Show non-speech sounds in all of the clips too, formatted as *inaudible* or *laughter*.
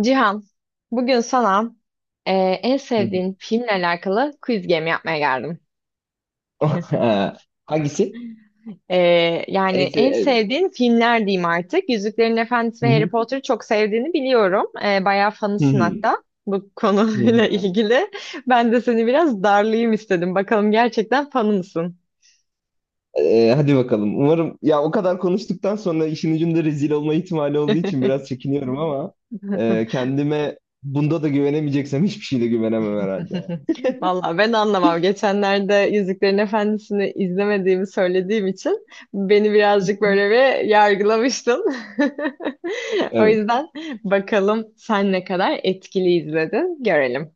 Cihan, bugün sana e, en Hı hı. sevdiğin filmle alakalı quiz game yapmaya geldim. *laughs* Ha, hangisi? E, Yani en Ense... sevdiğin filmler diyeyim artık. Yüzüklerin Efendisi Hı ve Harry hı. Potter'ı çok sevdiğini biliyorum. Bayağı Hı fanısın hı. hatta bu Hı konuyla *laughs* hı. ilgili. Ben de seni biraz darlayayım istedim. Bakalım gerçekten fanı mısın? Hadi bakalım. Umarım ya o kadar konuştuktan sonra işin ucunda rezil olma ihtimali olduğu için biraz çekiniyorum ama *laughs* kendime bunda da güvenemeyeceksem hiçbir şeyde güvenemem herhalde. *laughs* Vallahi ben anlamam. Geçenlerde Yüzüklerin Efendisi'ni izlemediğimi söylediğim için beni birazcık böyle bir yargılamıştın. *laughs* O Evet. yüzden bakalım sen ne kadar etkili izledin görelim.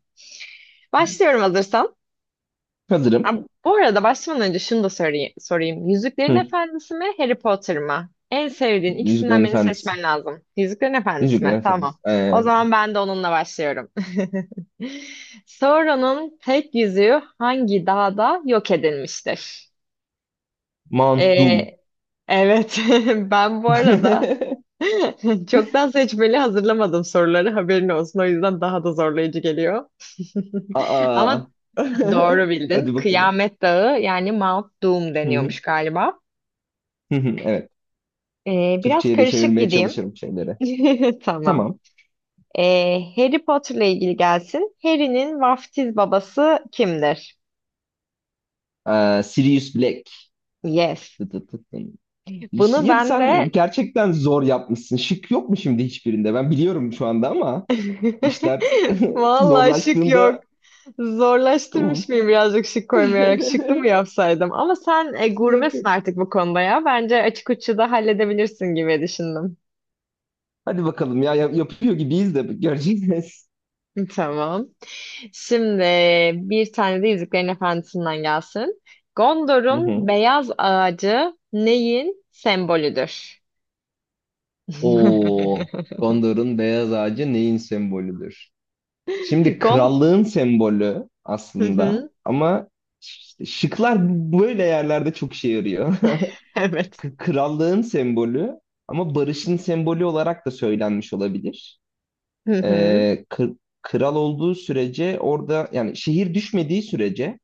Başlıyorum hazırsan. Ha, Hazırım. bu arada başlamadan önce şunu da sorayım. Yüzüklerin Hı. Efendisi mi, Harry Potter mı? En sevdiğin Yüzüklerin ikisinden birini Efendisi. seçmen lazım. Yüzüklerin Efendisi Yüzüklerin mi? Efendisi. Tamam. O zaman ben de onunla başlıyorum. *laughs* Sauron'un tek yüzüğü hangi dağda yok edilmiştir? Mount Doom. Ee, evet, *laughs* ben bu arada *laughs* *laughs* çoktan seçmeli hazırlamadım soruları. Haberin olsun. O yüzden daha da zorlayıcı geliyor. *laughs* Ama Aa. *laughs* doğru bildin. Hadi bakalım. Kıyamet Dağı yani Mount Doom Hı hı. deniyormuş galiba. Hı hı. Evet. Biraz Türkçe'ye de karışık çevirmeye gideyim. çalışırım şeyleri. *laughs* Tamam. Tamam. Harry Potter'la ilgili gelsin. Harry'nin vaftiz babası kimdir? Sirius Black. Yes. Tı tı tı tı. Bunu Ya ben sen de gerçekten zor yapmışsın. Şık yok mu şimdi hiçbirinde? Ben biliyorum şu anda ama işler *laughs* *laughs* vallahi şık yok. zorlaştığında uf. Zorlaştırmış mıyım birazcık şık koymayarak? Şıklı *laughs* mı yapsaydım? Ama sen Yok yok. gurmesin artık bu konuda ya. Bence açık uçlu da halledebilirsin gibi düşündüm. Hadi bakalım ya yapıyor gibiyiz de göreceğiz. Tamam. Şimdi bir tane de Yüzüklerin Efendisi'nden gelsin. Hı Gondor'un hı. beyaz ağacı neyin sembolüdür? Oo, *laughs* Gondor'un beyaz ağacı neyin sembolüdür? Şimdi Gon... krallığın sembolü Hı aslında hı, ama işte şıklar böyle yerlerde çok işe yarıyor. *laughs* evet. Krallığın sembolü ama barışın sembolü olarak da söylenmiş olabilir. Hı hı, Kral olduğu sürece orada yani şehir düşmediği sürece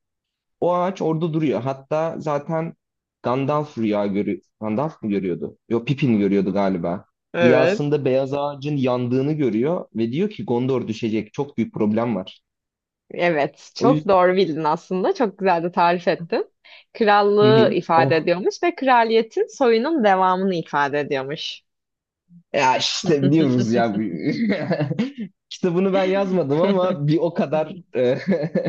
o ağaç orada duruyor. Hatta zaten Gandalf rüya görüyor. Gandalf mı görüyordu? Yok, Pippin görüyordu galiba. evet. Rüyasında beyaz ağacın yandığını görüyor ve diyor ki Gondor düşecek. Çok büyük problem var. Evet. O Çok yüzden doğru bildin aslında. Çok güzel de tarif ettin. *laughs* hı Krallığı hı. ifade Oh, ediyormuş ve kraliyetin soyunun devamını ifade ediyormuş. ya işte biliyoruz ya. *laughs* Kitabını ben yazmadım *laughs* ama bir o kadar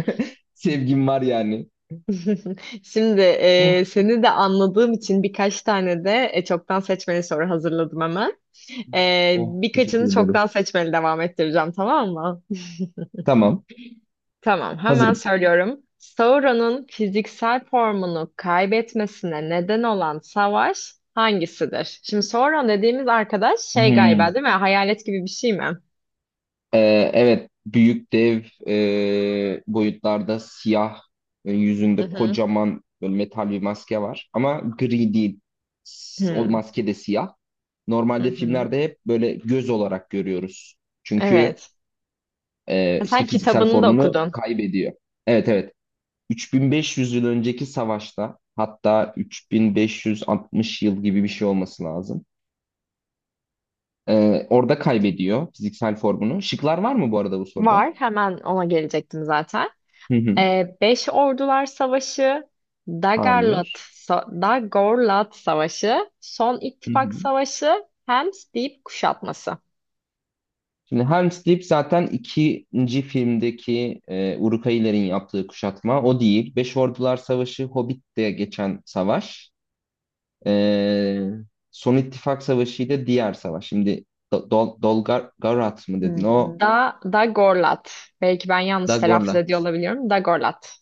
*laughs* sevgim var yani. *laughs* Şimdi Oh, seni de anladığım için birkaç tane de çoktan seçmeli soru hazırladım hemen. Oh, teşekkür Birkaçını ederim. çoktan seçmeli devam ettireceğim, tamam mı? Tamam, Tamam, hemen hazırım. söylüyorum. Sauron'un fiziksel formunu kaybetmesine neden olan savaş hangisidir? Şimdi Sauron dediğimiz arkadaş şey galiba Hmm. değil mi? Hayalet gibi bir şey mi? E, evet, büyük dev boyutlarda siyah, Hı yüzünde hı. kocaman böyle metal bir maske var. Ama gri değil. O Hmm, maske de siyah. hı Normalde hı. filmlerde hep böyle göz olarak görüyoruz. Çünkü Evet. Ha, işte sen fiziksel kitabını da formunu okudun. kaybediyor. Evet, evet. 3500 yıl önceki savaşta hatta 3560 yıl gibi bir şey olması lazım. E, Orada kaybediyor fiziksel formunu. Şıklar var mı bu arada bu soruda? Var. Hemen ona gelecektim zaten. Hı hı. Beş Ordular Savaşı, Dagorlat, Hayır. Dagorlat Savaşı, Son Hı İttifak hı. Savaşı, Hems Deyip Kuşatması. Şimdi Helm's Deep zaten ikinci filmdeki Uruk-hai yaptığı kuşatma. O değil. Beş Ordular Savaşı, Hobbit'te geçen savaş. Ee, Son İttifak Savaşı ile diğer savaş. Şimdi Dol Dolgarat mı dedin? O Dagorlat. Belki ben yanlış da telaffuz ediyor Gorlat. olabiliyorum. Dagorlat.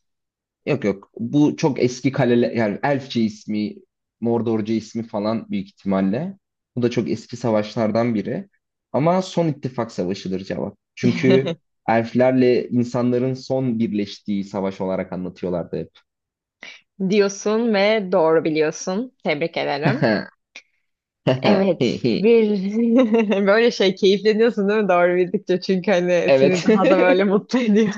Yok yok. Bu çok eski kaleler, yani Elfçe ismi, Mordorca ismi falan büyük ihtimalle. Bu da çok eski savaşlardan biri. Ama Son ittifak Savaşı'dır cevap. Çünkü *laughs* elflerle insanların son birleştiği savaş olarak anlatıyorlardı hep. Diyorsun ve doğru biliyorsun. Tebrik ederim. Evet, *laughs* bir *laughs* böyle şey keyifleniyorsun değil mi doğru bildikçe çünkü hani seni Evet. daha da böyle mutlu ediyor.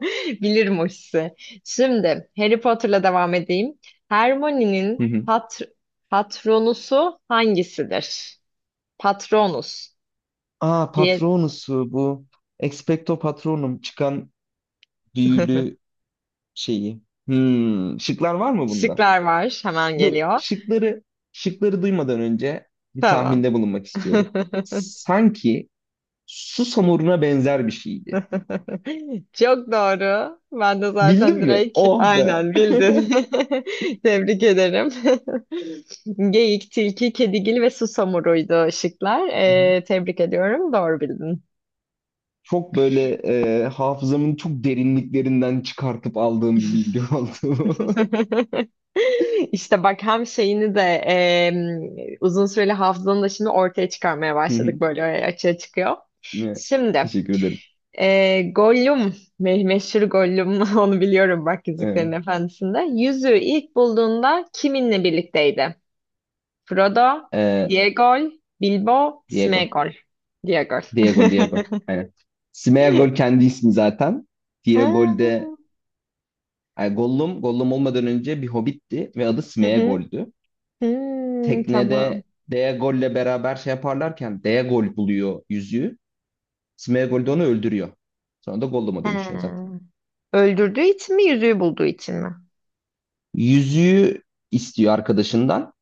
*laughs* Bilirim o hissi. Şimdi Harry Potter'la devam edeyim. Hermione'nin *laughs* patronusu hangisidir? Patronus Aa, diye Patronus'u bu. Expecto Patronum çıkan *laughs* büyülü şeyi. Hmm, şıklar var mı bunda? şıklar var. Hemen Dur, geliyor. şıkları duymadan önce bir Tamam. tahminde bulunmak istiyorum. *laughs* Sanki su samuruna benzer bir şeydi. *laughs* Çok doğru. Ben de zaten Bildin mi? direkt Oh be. aynen bildin. *laughs* Tebrik ederim. *laughs* Geyik, tilki, kedigil ve susamuruydu şıklar. Hı hı. Tebrik ediyorum. Doğru bildin. Çok böyle hafızamın çok derinliklerinden çıkartıp aldığım bir bilgi oldu. *laughs* *laughs* İşte bak hem şeyini de uzun süreli hafızanı da şimdi ortaya çıkarmaya Hı hı. başladık böyle açığa çıkıyor. Evet, Şimdi teşekkür ederim. Gollum, meşhur Gollum *laughs* onu biliyorum bak Yüzüklerin Evet. Efendisi'nde. Yüzüğü ilk bulduğunda kiminle birlikteydi? Frodo, Ee, Diegol, Bilbo, Diego. Sméagol. Diegol. Diego, Diego. *laughs* Aynen. Smeagol kendi ismi zaten. Ha, Diegol de yani Gollum, Gollum olmadan önce bir hobbitti ve adı hı hı. Smeagol'dü. Hmm, tamam. Teknede Diegol'le beraber şey yaparlarken Diegol buluyor yüzüğü. Smeagol de onu öldürüyor. Sonra da Gollum'a dönüşüyor zaten. Ha. Öldürdüğü için mi, yüzüğü bulduğu için mi? Yüzüğü istiyor arkadaşından.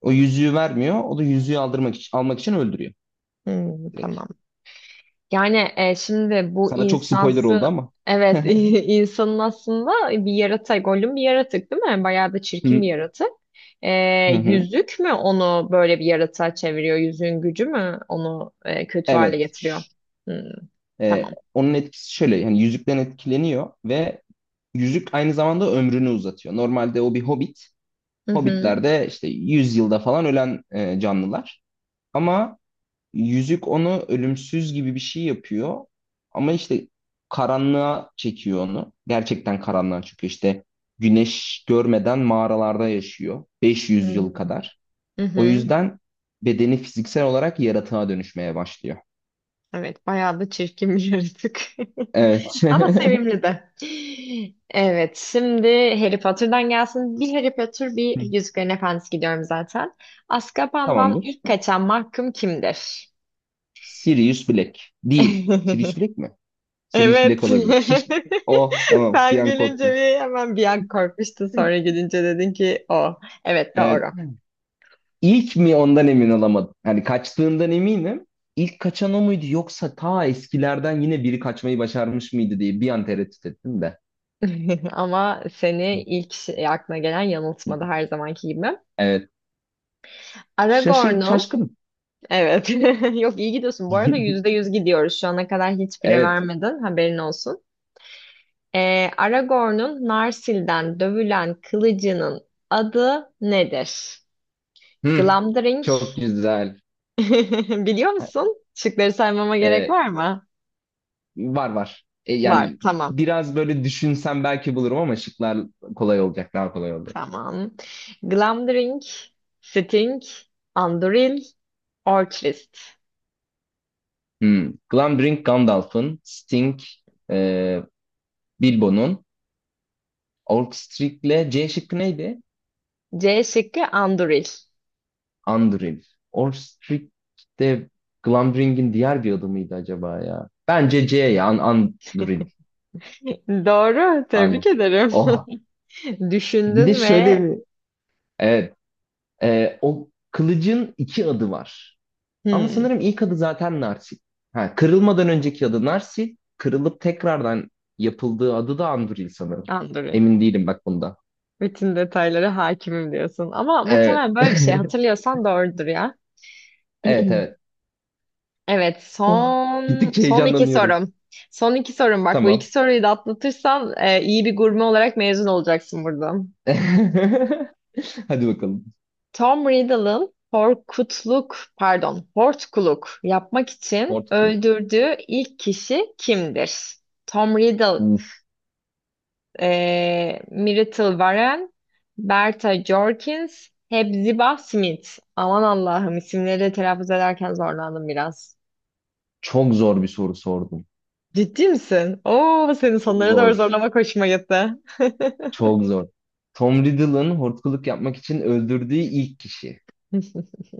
O yüzüğü vermiyor. O da yüzüğü aldırmak için, almak için öldürüyor Hmm, direkt. tamam. Yani şimdi bu Sana çok spoiler oldu insansı ama. evet *laughs* *laughs* insanın aslında bir yaratık, Gollum bir yaratık değil mi? Bayağı da Hı çirkin bir yaratık. E, hı. Hı. Yüzük mü onu böyle bir yaratığa çeviriyor? Yüzüğün gücü mü onu kötü hale Evet. getiriyor? Hmm, tamam. Onun etkisi şöyle, yani yüzükten etkileniyor ve yüzük aynı zamanda ömrünü uzatıyor. Normalde o bir hobbit. Hı hı. Hobbitlerde işte 100 yılda falan ölen canlılar. Ama yüzük onu ölümsüz gibi bir şey yapıyor. Ama işte karanlığa çekiyor onu. Gerçekten karanlığa çekiyor. İşte güneş görmeden mağaralarda yaşıyor. 500 yıl Hmm. kadar. Hı O hı. yüzden bedeni fiziksel olarak yaratığa dönüşmeye başlıyor. Evet, bayağı da çirkin bir yaratık. Evet. *laughs* Ama sevimli de. Evet, şimdi Harry Potter'dan gelsin. Bir Harry Potter, bir *laughs* Yüzüklerin Efendisi gidiyorum zaten. Azkaban'dan Tamamdır. ilk kaçan mahkum kimdir? Sirius Black. Değil. Sirius *laughs* Black mi? Sirius Evet. Black olabilir. *laughs* *laughs* Oh, tamam, bir Sen an gülünce korktum. bir hemen bir an korkmuştun. Sonra gülünce dedin ki o. Evet, Evet. doğru. İlk mi ondan emin olamadım. Yani kaçtığından eminim. İlk kaçan o muydu, yoksa ta eskilerden yine biri kaçmayı başarmış mıydı diye bir an tereddüt ettim de. *laughs* Ama seni ilk aklına gelen yanıltmadı her zamanki gibi. Evet. Şaşır, Aragorn'un şaşkın. evet. *laughs* Yok, iyi gidiyorsun. Bu arada yüzde *laughs* yüz gidiyoruz. Şu ana kadar hiçbire Evet. vermedin. Haberin olsun. Aragorn'un Narsil'den dövülen kılıcının adı nedir? Hı. Glamdring. Çok güzel. *laughs* Biliyor musun? Şıkları saymama gerek Ee, var mı? Var var. Var. Yani Tamam. biraz böyle düşünsem belki bulurum ama şıklar kolay olacak, daha kolay olacak. Tamam. Glamdring, Sting, Anduril, Orcrist. Hmm. Glambrink Gandalf'ın, Sting, e, Bilbo'nun, Orcstric'le C şıkkı neydi? C şıkkı Anduril. Anduril. Orcstric de Glambrink'in diğer bir adı mıydı acaba ya? Bence C ya. An Anduril. *laughs* Doğru. An, Tebrik ederim. oh. *laughs* Bir de Düşündün şöyle ve bir... Evet. O kılıcın iki adı var. Ama hmm, sanırım ilk adı zaten Narsil. Ha, kırılmadan önceki adı Narsil. Kırılıp tekrardan yapıldığı adı da Anduril sanırım. Anduril. Emin değilim bak bunda. Bütün detaylara hakimim diyorsun. Ama Evet. muhtemelen böyle bir şey *laughs* hatırlıyorsan doğrudur ya. Evet, evet. *clears throat* Evet, Oh, gittikçe son iki heyecanlanıyorum. sorum. Son iki sorum bak. Bu Tamam. iki soruyu da atlatırsan iyi bir gurme olarak mezun olacaksın buradan. *laughs* Hadi bakalım. Tom Riddle'ın Horkutluk, pardon, Hortkuluk yapmak için Hortculus. öldürdüğü ilk kişi kimdir? Tom Riddle, Uf, Myrtle Varen, Berta Jorkins, Hepzibah Smith. Aman Allah'ım, isimleri telaffuz ederken zorlandım biraz. çok zor bir soru sordum. Ciddi misin? Oo, senin Çok sonlara doğru zor. zorlamak hoşuma gitti. Çok zor. Tom Riddle'ın hortkuluk yapmak için öldürdüğü ilk kişi. *laughs*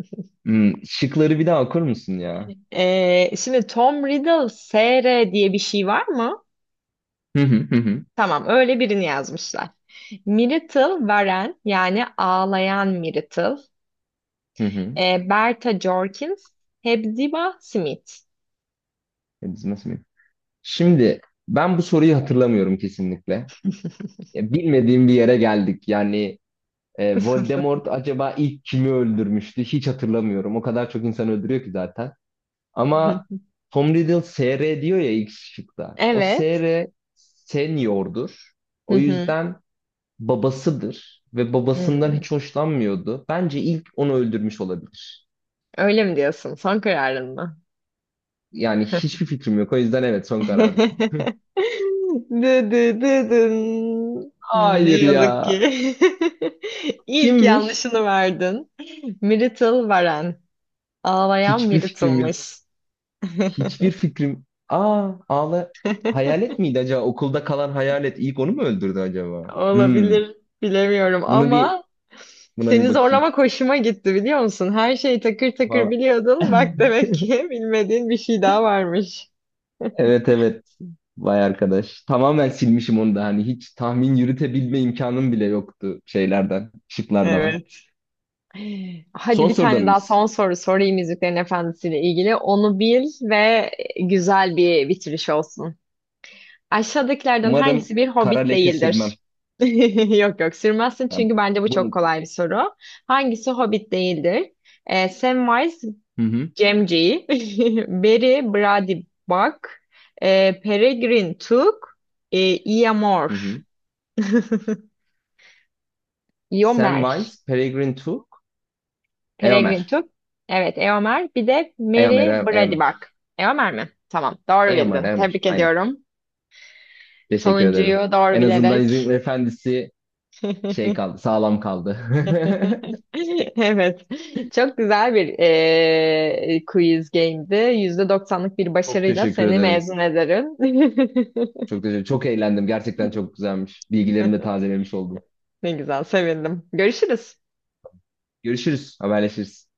Hmm, şıkları bir daha okur musun ya? Şimdi Tom Riddle SR diye bir şey var mı? Hı hı, hı hı. Tamam, öyle birini yazmışlar. Myrtle Warren yani ağlayan Myrtle. Hı hı. Berta Jorkins, Hepzibah Smith. Ya biz nasıl bil- Şimdi ben bu soruyu hatırlamıyorum kesinlikle. Ya, bilmediğim bir yere geldik. Yani Voldemort acaba ilk kimi öldürmüştü? Hiç hatırlamıyorum. O kadar çok insan öldürüyor ki zaten. Ama *laughs* Tom Riddle SR diyor ya ilk şıkta. O Evet. SR seniordur. O *laughs* yüzden babasıdır ve babasından Hmm, hiç hoşlanmıyordu. Bence ilk onu öldürmüş olabilir. öyle mi diyorsun? Son kararın mı? Yani hiçbir fikrim yok. O yüzden evet, son kararım. *laughs* *laughs* Dı dı dı dın. Hmm, ne Hayır yazık ya. ki. *laughs* İlk Kimmiş? yanlışını verdin. Myrtle Varen. Ağlayan Hiçbir fikrim yok. Myrtle'mış. Hiçbir *laughs* fikrim. Aa, ağla. Hayalet miydi acaba? Okulda kalan hayalet ilk onu mu öldürdü acaba? Hmm. Olabilir, bilemiyorum Bunu bir ama Buna bir seni bakayım. zorlamak hoşuma gitti biliyor musun? Her şeyi takır takır Vallahi. biliyordun. *laughs* Bak demek ki *laughs* bilmediğin bir şey daha varmış. Evet, evet. Vay arkadaş. Tamamen silmişim onu da. Hani hiç tahmin yürütebilme imkanım bile yoktu şeylerden, şıklardan. Evet. Hadi Son bir soruda tane daha mıyız? son soru sorayım Yüzüklerin Efendisi ile ilgili. Onu bil ve güzel bir bitiriş olsun. Aşağıdakilerden Umarım hangisi bir kara hobbit leke sürmem. değildir? *laughs* Yok, yok sürmezsin Yani çünkü bence bu çok bunu... kolay bir soru. Hangisi hobbit değildir? Samwise Hı hı, Gamgee, *laughs* Beri Brandybuck, Peregrine Took, e, Eomer. hı hı. *laughs* Eomer. Samwise, Peregrine Took, Eomer. Peregrin Tüp. Evet, Eomer. Bir de Eomer, Mary Eomer. Brady Eomer, Eomer mi? Tamam, doğru Eomer. bildin. Eomer. Tebrik Aynen. ediyorum. Teşekkür ederim. Sonuncuyu doğru En azından İzin bilerek. Efendisi şey kaldı, *laughs* sağlam kaldı. *laughs* Evet, çok güzel bir quiz game'di. %90'lık bir Çok başarıyla teşekkür seni ederim. mezun ederim. *laughs* Çok teşekkür, çok eğlendim. Gerçekten çok güzelmiş. Bilgilerimi de tazelemiş oldum. Ne güzel, sevindim. Görüşürüz. Görüşürüz, haberleşiriz.